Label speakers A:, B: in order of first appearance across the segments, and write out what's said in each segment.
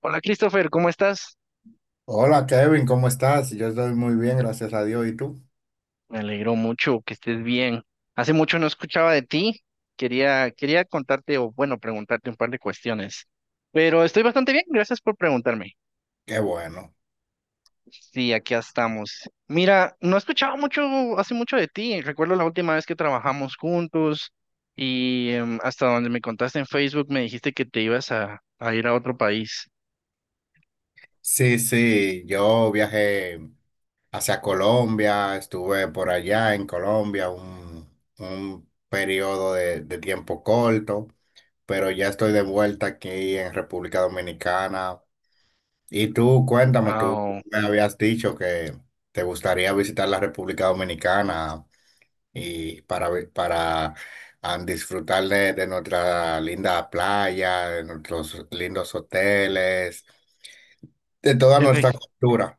A: Hola Christopher, ¿cómo estás?
B: Hola Kevin, ¿cómo estás? Yo estoy muy bien, gracias a Dios. ¿Y tú?
A: Me alegro mucho que estés bien. Hace mucho no escuchaba de ti. Quería contarte o bueno, preguntarte un par de cuestiones. Pero estoy bastante bien, gracias por preguntarme.
B: Qué bueno.
A: Sí, aquí estamos. Mira, no escuchaba mucho, hace mucho de ti. Recuerdo la última vez que trabajamos juntos y hasta donde me contaste en Facebook me dijiste que te ibas a ir a otro país.
B: Sí, sí, yo viajé hacia Colombia, estuve por allá en Colombia un periodo de tiempo corto, pero ya estoy de vuelta aquí en República Dominicana. Y tú, cuéntame, tú
A: Wow.
B: me habías dicho que te gustaría visitar la República Dominicana. Para disfrutar de nuestra linda playa, de nuestros lindos hoteles, de toda nuestra cultura.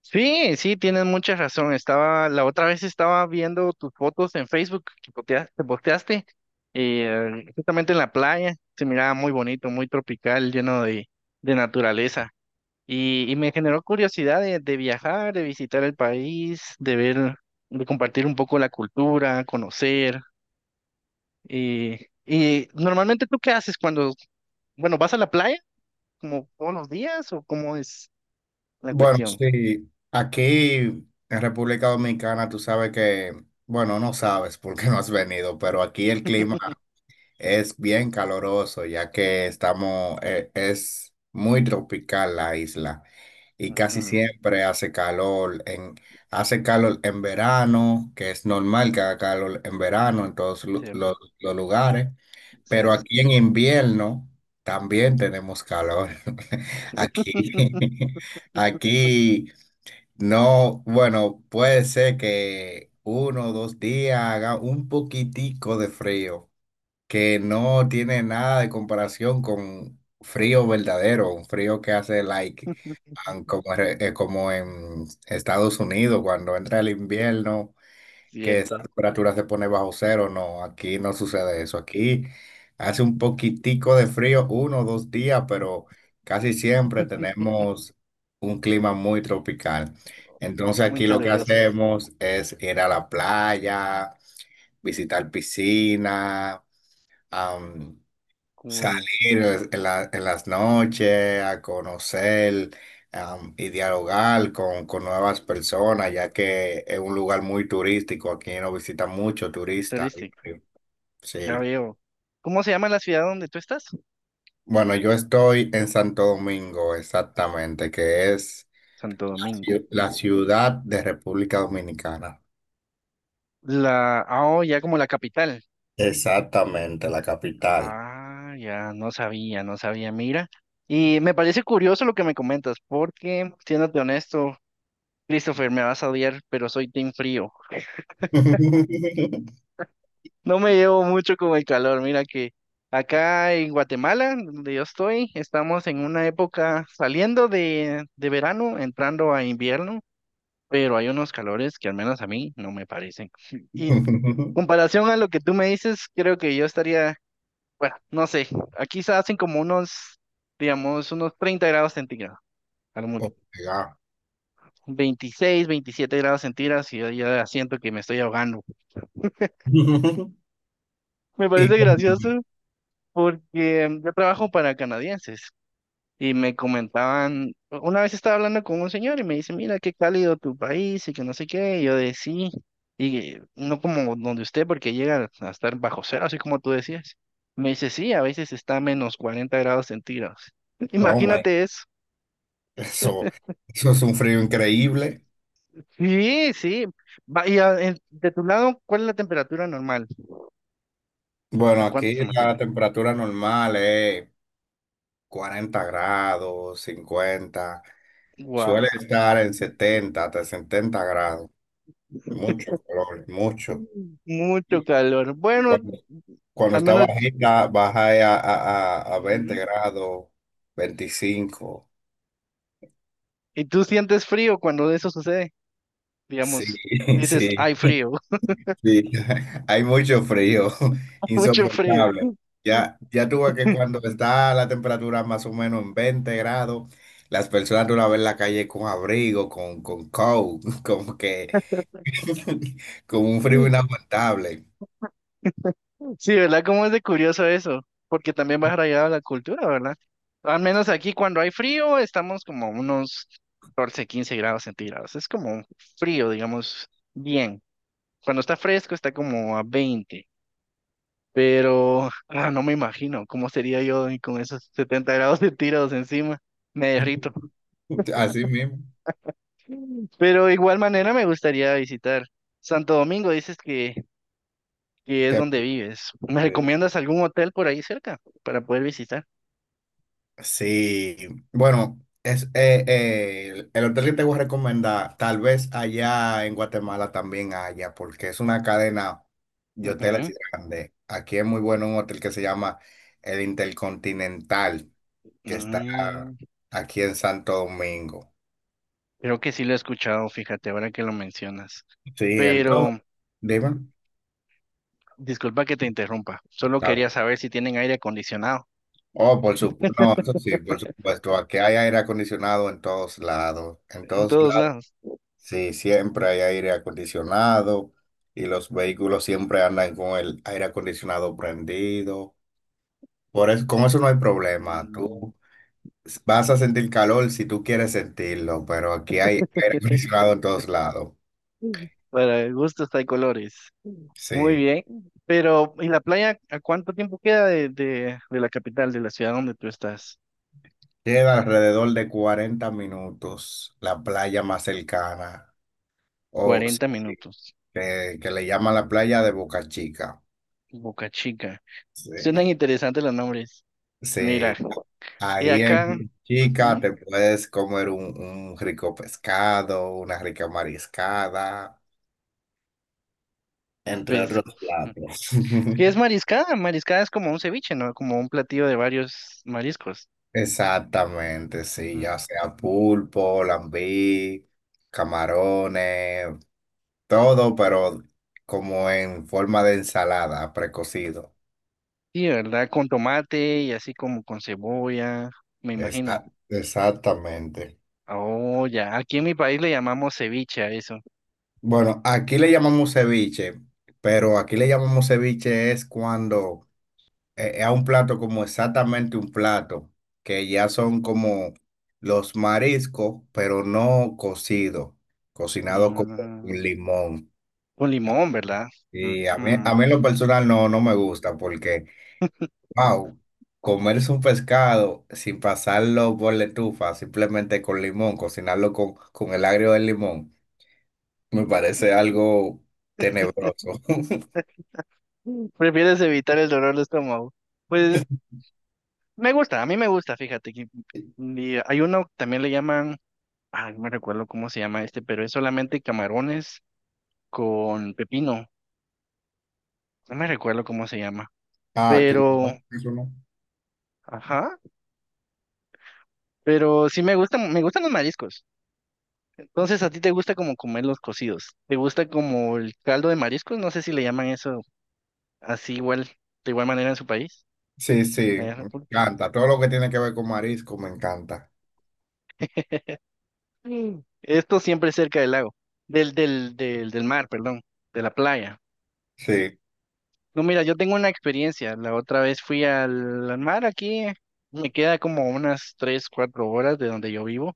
A: Sí, sí, tienes mucha razón. Estaba, la otra vez estaba viendo tus fotos en Facebook que te posteaste, y justamente en la playa, se miraba muy bonito, muy tropical, lleno de naturaleza. Y me generó curiosidad de viajar, de visitar el país, de ver, de compartir un poco la cultura, conocer. Y, y normalmente, ¿tú qué haces cuando, bueno, vas a la playa como todos los días o cómo es la
B: Bueno,
A: cuestión?
B: sí, aquí en República Dominicana tú sabes que, bueno, no sabes porque no has venido, pero aquí el clima es bien caloroso, ya que estamos, es muy tropical la isla y casi
A: Ujú,
B: siempre hace calor en verano, que es normal que haga calor en verano en todos lu- los,
A: cierto,
B: los lugares, pero
A: cierto.
B: aquí en invierno también tenemos calor. Aquí, aquí no, bueno, puede ser que uno o dos días haga un poquitico de frío que no tiene nada de comparación con frío verdadero, un frío que hace like como en Estados Unidos cuando entra el invierno, que esa
A: Cierto.
B: temperatura se pone bajo cero, no, aquí no sucede eso, aquí hace un poquitico de frío, uno o dos días, pero casi siempre tenemos un clima muy tropical. Entonces
A: Muy
B: aquí lo que
A: caluroso.
B: hacemos es ir a la playa, visitar piscina,
A: Cool.
B: salir en en las noches a conocer y dialogar con nuevas personas, ya que es un lugar muy turístico, aquí no visitan mucho
A: Es
B: turistas.
A: turístico. Ya
B: Sí.
A: veo. ¿Cómo se llama la ciudad donde tú estás?
B: Bueno, yo estoy en Santo Domingo, exactamente, que es
A: Santo Domingo.
B: la ciudad de República Dominicana.
A: Ah, oh, ya como la capital.
B: Exactamente, la capital.
A: Ah, ya no sabía, no sabía, mira. Y me parece curioso lo que me comentas, porque, siéndote honesto, Christopher, me vas a odiar, pero soy team frío. No me llevo mucho con el calor. Mira que acá en Guatemala, donde yo estoy, estamos en una época saliendo de verano, entrando a invierno. Pero hay unos calores que al menos a mí no me parecen. Y comparación a lo que tú me dices, creo que yo estaría, bueno, no sé, aquí se hacen como unos, digamos, unos 30 grados centígrados, a lo mucho.
B: Oh, my God.
A: 26 27 grados centígrados y yo ya siento que me estoy ahogando. Me
B: Y,
A: parece gracioso porque yo trabajo para canadienses. Y me comentaban, una vez estaba hablando con un señor y me dice, mira, qué cálido tu país y que no sé qué. Y yo de sí, y no como donde usted, porque llega a estar bajo cero, así como tú decías. Me dice, sí, a veces está a -40 grados centígrados.
B: oh my
A: Imagínate eso.
B: Eso, eso es un frío increíble.
A: Sí, sí. De tu lado, ¿cuál es la temperatura normal?
B: Bueno,
A: ¿A cuánto
B: Aquí
A: se
B: la
A: mantiene?
B: temperatura normal es 40 grados, 50. Suele
A: Wow,
B: estar en 70 hasta 70 grados. Mucho calor, mucho.
A: mucho
B: Y,
A: calor.
B: y
A: Bueno,
B: cuando
A: al
B: está
A: menos.
B: bajita, baja a 20
A: Ujú.
B: grados, 25.
A: ¿Y tú sientes frío cuando eso sucede?
B: Sí,
A: Digamos, dices,
B: sí.
A: hay frío,
B: Sí, hay mucho frío,
A: mucho frío.
B: insoportable. Ya, ya tú ves que cuando está la temperatura más o menos en 20 grados, las personas tú las ves en la calle con abrigo, con coat, como que con un frío inaguantable.
A: Sí, ¿verdad? ¿Cómo es de curioso eso? Porque también va arraigado a la cultura, ¿verdad? Al menos aquí cuando hay frío estamos como a unos 14 15 grados centígrados. Es como frío, digamos, bien. Cuando está fresco está como a 20, pero ah, no me imagino cómo sería yo con esos 70 grados centígrados encima. Me derrito.
B: Así mismo.
A: Pero de igual manera me gustaría visitar. Santo Domingo, dices que es
B: Que-
A: donde vives. ¿Me
B: eh,
A: recomiendas algún hotel por ahí cerca para poder visitar?
B: Sí, bueno, es, el hotel que te voy a recomendar, tal vez allá en Guatemala también haya, porque es una cadena de hoteles
A: Ujú.
B: grande. Aquí es muy bueno un hotel que se llama el Intercontinental, que está
A: Mm,
B: aquí en Santo Domingo.
A: creo que sí lo he escuchado, fíjate, ahora que lo mencionas.
B: Sí, entonces,
A: Pero
B: dime.
A: disculpa que te interrumpa, solo
B: Está bien.
A: quería saber si tienen aire acondicionado
B: Oh, por supuesto, no, eso sí, por supuesto, aquí hay aire acondicionado en todos lados, en
A: en
B: todos
A: todos
B: lados.
A: lados.
B: Sí, siempre hay aire acondicionado y los vehículos siempre andan con el aire acondicionado prendido. Por eso, con eso no hay problema.
A: Mm,
B: Tú vas a sentir calor si tú quieres sentirlo, pero aquí hay aire acondicionado en todos lados.
A: para gustos hay colores. Muy
B: Sí.
A: bien, pero ¿y la playa a cuánto tiempo queda de la capital, de la ciudad donde tú estás?
B: Queda alrededor de 40 minutos la playa más cercana, o sí,
A: 40 minutos.
B: que le llaman la playa de Boca Chica.
A: Boca Chica.
B: Sí.
A: Suenan interesantes los nombres. Mira,
B: Sí.
A: y
B: Ahí
A: acá,
B: en Chica
A: ujú,
B: te puedes comer un, rico pescado, una rica mariscada, entre
A: pues,
B: otros platos.
A: ¿qué es mariscada? Mariscada es como un ceviche, ¿no? Como un platillo de varios mariscos.
B: Exactamente, sí,
A: Mm.
B: ya sea pulpo, lambí, camarones, todo, pero como en forma de ensalada, precocido.
A: Sí, ¿verdad? Con tomate y así como con cebolla, me imagino.
B: Exactamente.
A: Oh, ya. Aquí en mi país le llamamos ceviche a eso.
B: Bueno, aquí le llamamos ceviche, pero aquí le llamamos ceviche es cuando a un plato como exactamente un plato, que ya son como los mariscos, pero no cocidos, cocinado como
A: Mm,
B: un limón.
A: con limón, ¿verdad?
B: Y a mí, a
A: Ujú.
B: mí en lo personal no, no me gusta porque, wow, comerse un pescado sin pasarlo por la estufa, simplemente con limón, cocinarlo con el agrio del limón, me parece algo tenebroso.
A: Mm, prefieres evitar el dolor de estómago. Pues me gusta, a mí me gusta, fíjate que mm, y hay uno, también le llaman, ay, no me recuerdo cómo se llama este, pero es solamente camarones con pepino. No me recuerdo cómo se llama.
B: Ah, que no,
A: Pero,
B: eso no.
A: ajá. Pero sí me gustan los mariscos. Entonces, ¿a ti te gusta como comer los cocidos? ¿Te gusta como el caldo de mariscos? No sé si le llaman eso así igual, de igual manera en su país,
B: Sí, sí,
A: allá en
B: me
A: República.
B: encanta. Todo lo que tiene que ver con marisco me encanta.
A: Mm. Esto siempre cerca del lago, del mar, perdón, de la playa.
B: Sí,
A: No, mira, yo tengo una experiencia. La otra vez fui al mar aquí. Me queda como unas 3, 4 horas de donde yo vivo.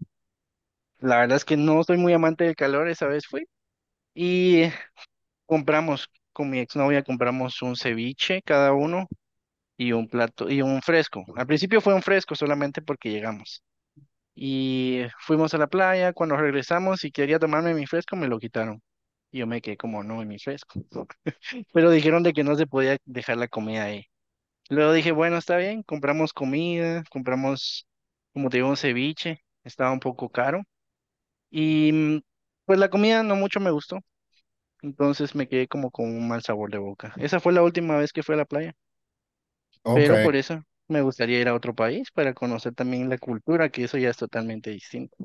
A: La verdad es que no soy muy amante del calor, esa vez fui. Y compramos, con mi exnovia compramos un ceviche cada uno y un plato y un fresco. Al principio fue un fresco solamente porque llegamos. Y fuimos a la playa, cuando regresamos y quería tomarme mi fresco, me lo quitaron. Y yo me quedé como, no, en mi fresco. Pero dijeron de que no se podía dejar la comida ahí. Luego dije, bueno, está bien, compramos comida, compramos, como te digo, un ceviche, estaba un poco caro. Y mm, pues la comida no mucho me gustó. Entonces me quedé como con un mal sabor de boca. Esa fue la última vez que fui a la playa,
B: ok.
A: pero por eso me gustaría ir a otro país para conocer también la cultura, que eso ya es totalmente distinto.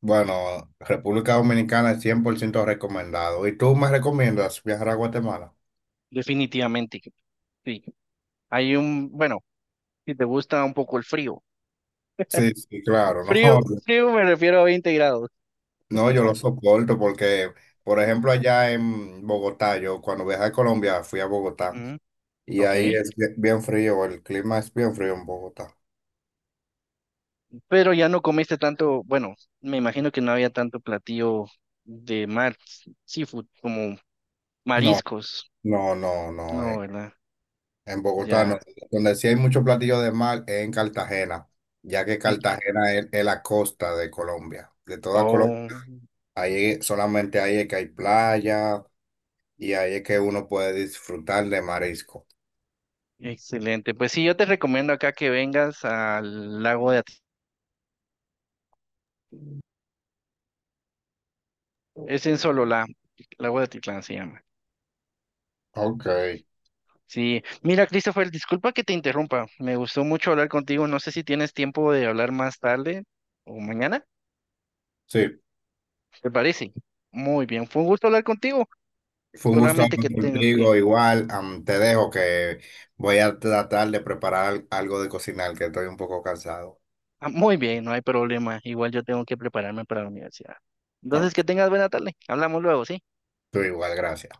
B: Bueno, República Dominicana es 100% recomendado. ¿Y tú me recomiendas viajar a Guatemala?
A: Definitivamente, sí. Hay un, bueno, si te gusta un poco el frío.
B: Sí, sí, claro, no,
A: Frío, frío me refiero a 20 grados.
B: no, yo lo soporto porque, por ejemplo, allá en Bogotá, yo cuando viajé a Colombia fui a Bogotá
A: Ujú,
B: y ahí
A: ok.
B: es bien bien frío, el clima es bien frío en Bogotá.
A: Pero ya no comiste tanto, bueno, me imagino que no había tanto platillo de mar, seafood, como
B: No,
A: mariscos.
B: no, no, no,
A: No, ¿verdad?
B: en Bogotá no.
A: Ya.
B: Donde sí hay muchos platillos de mar es en Cartagena, ya que
A: Mm,
B: Cartagena es la costa de Colombia, de toda Colombia.
A: oh.
B: Ahí, solamente ahí es que hay playa y ahí es que uno puede disfrutar de marisco.
A: Excelente. Pues sí, yo te recomiendo acá que vengas al lago de es en Sololá, lago de Atitlán se llama.
B: Ok,
A: Sí, mira, Christopher, disculpa que te interrumpa. Me gustó mucho hablar contigo. No sé si tienes tiempo de hablar más tarde o mañana,
B: sí,
A: ¿te parece? Muy bien, fue un gusto hablar contigo.
B: fue un gusto
A: Solamente
B: hablar
A: que tengo que.
B: contigo. Igual, te dejo que voy a tratar de preparar algo de cocinar, que estoy un poco cansado.
A: Ah, muy bien, no hay problema. Igual yo tengo que prepararme para la universidad. Entonces, que
B: Ok,
A: tengas buena tarde. Hablamos luego, ¿sí?
B: tú igual, gracias.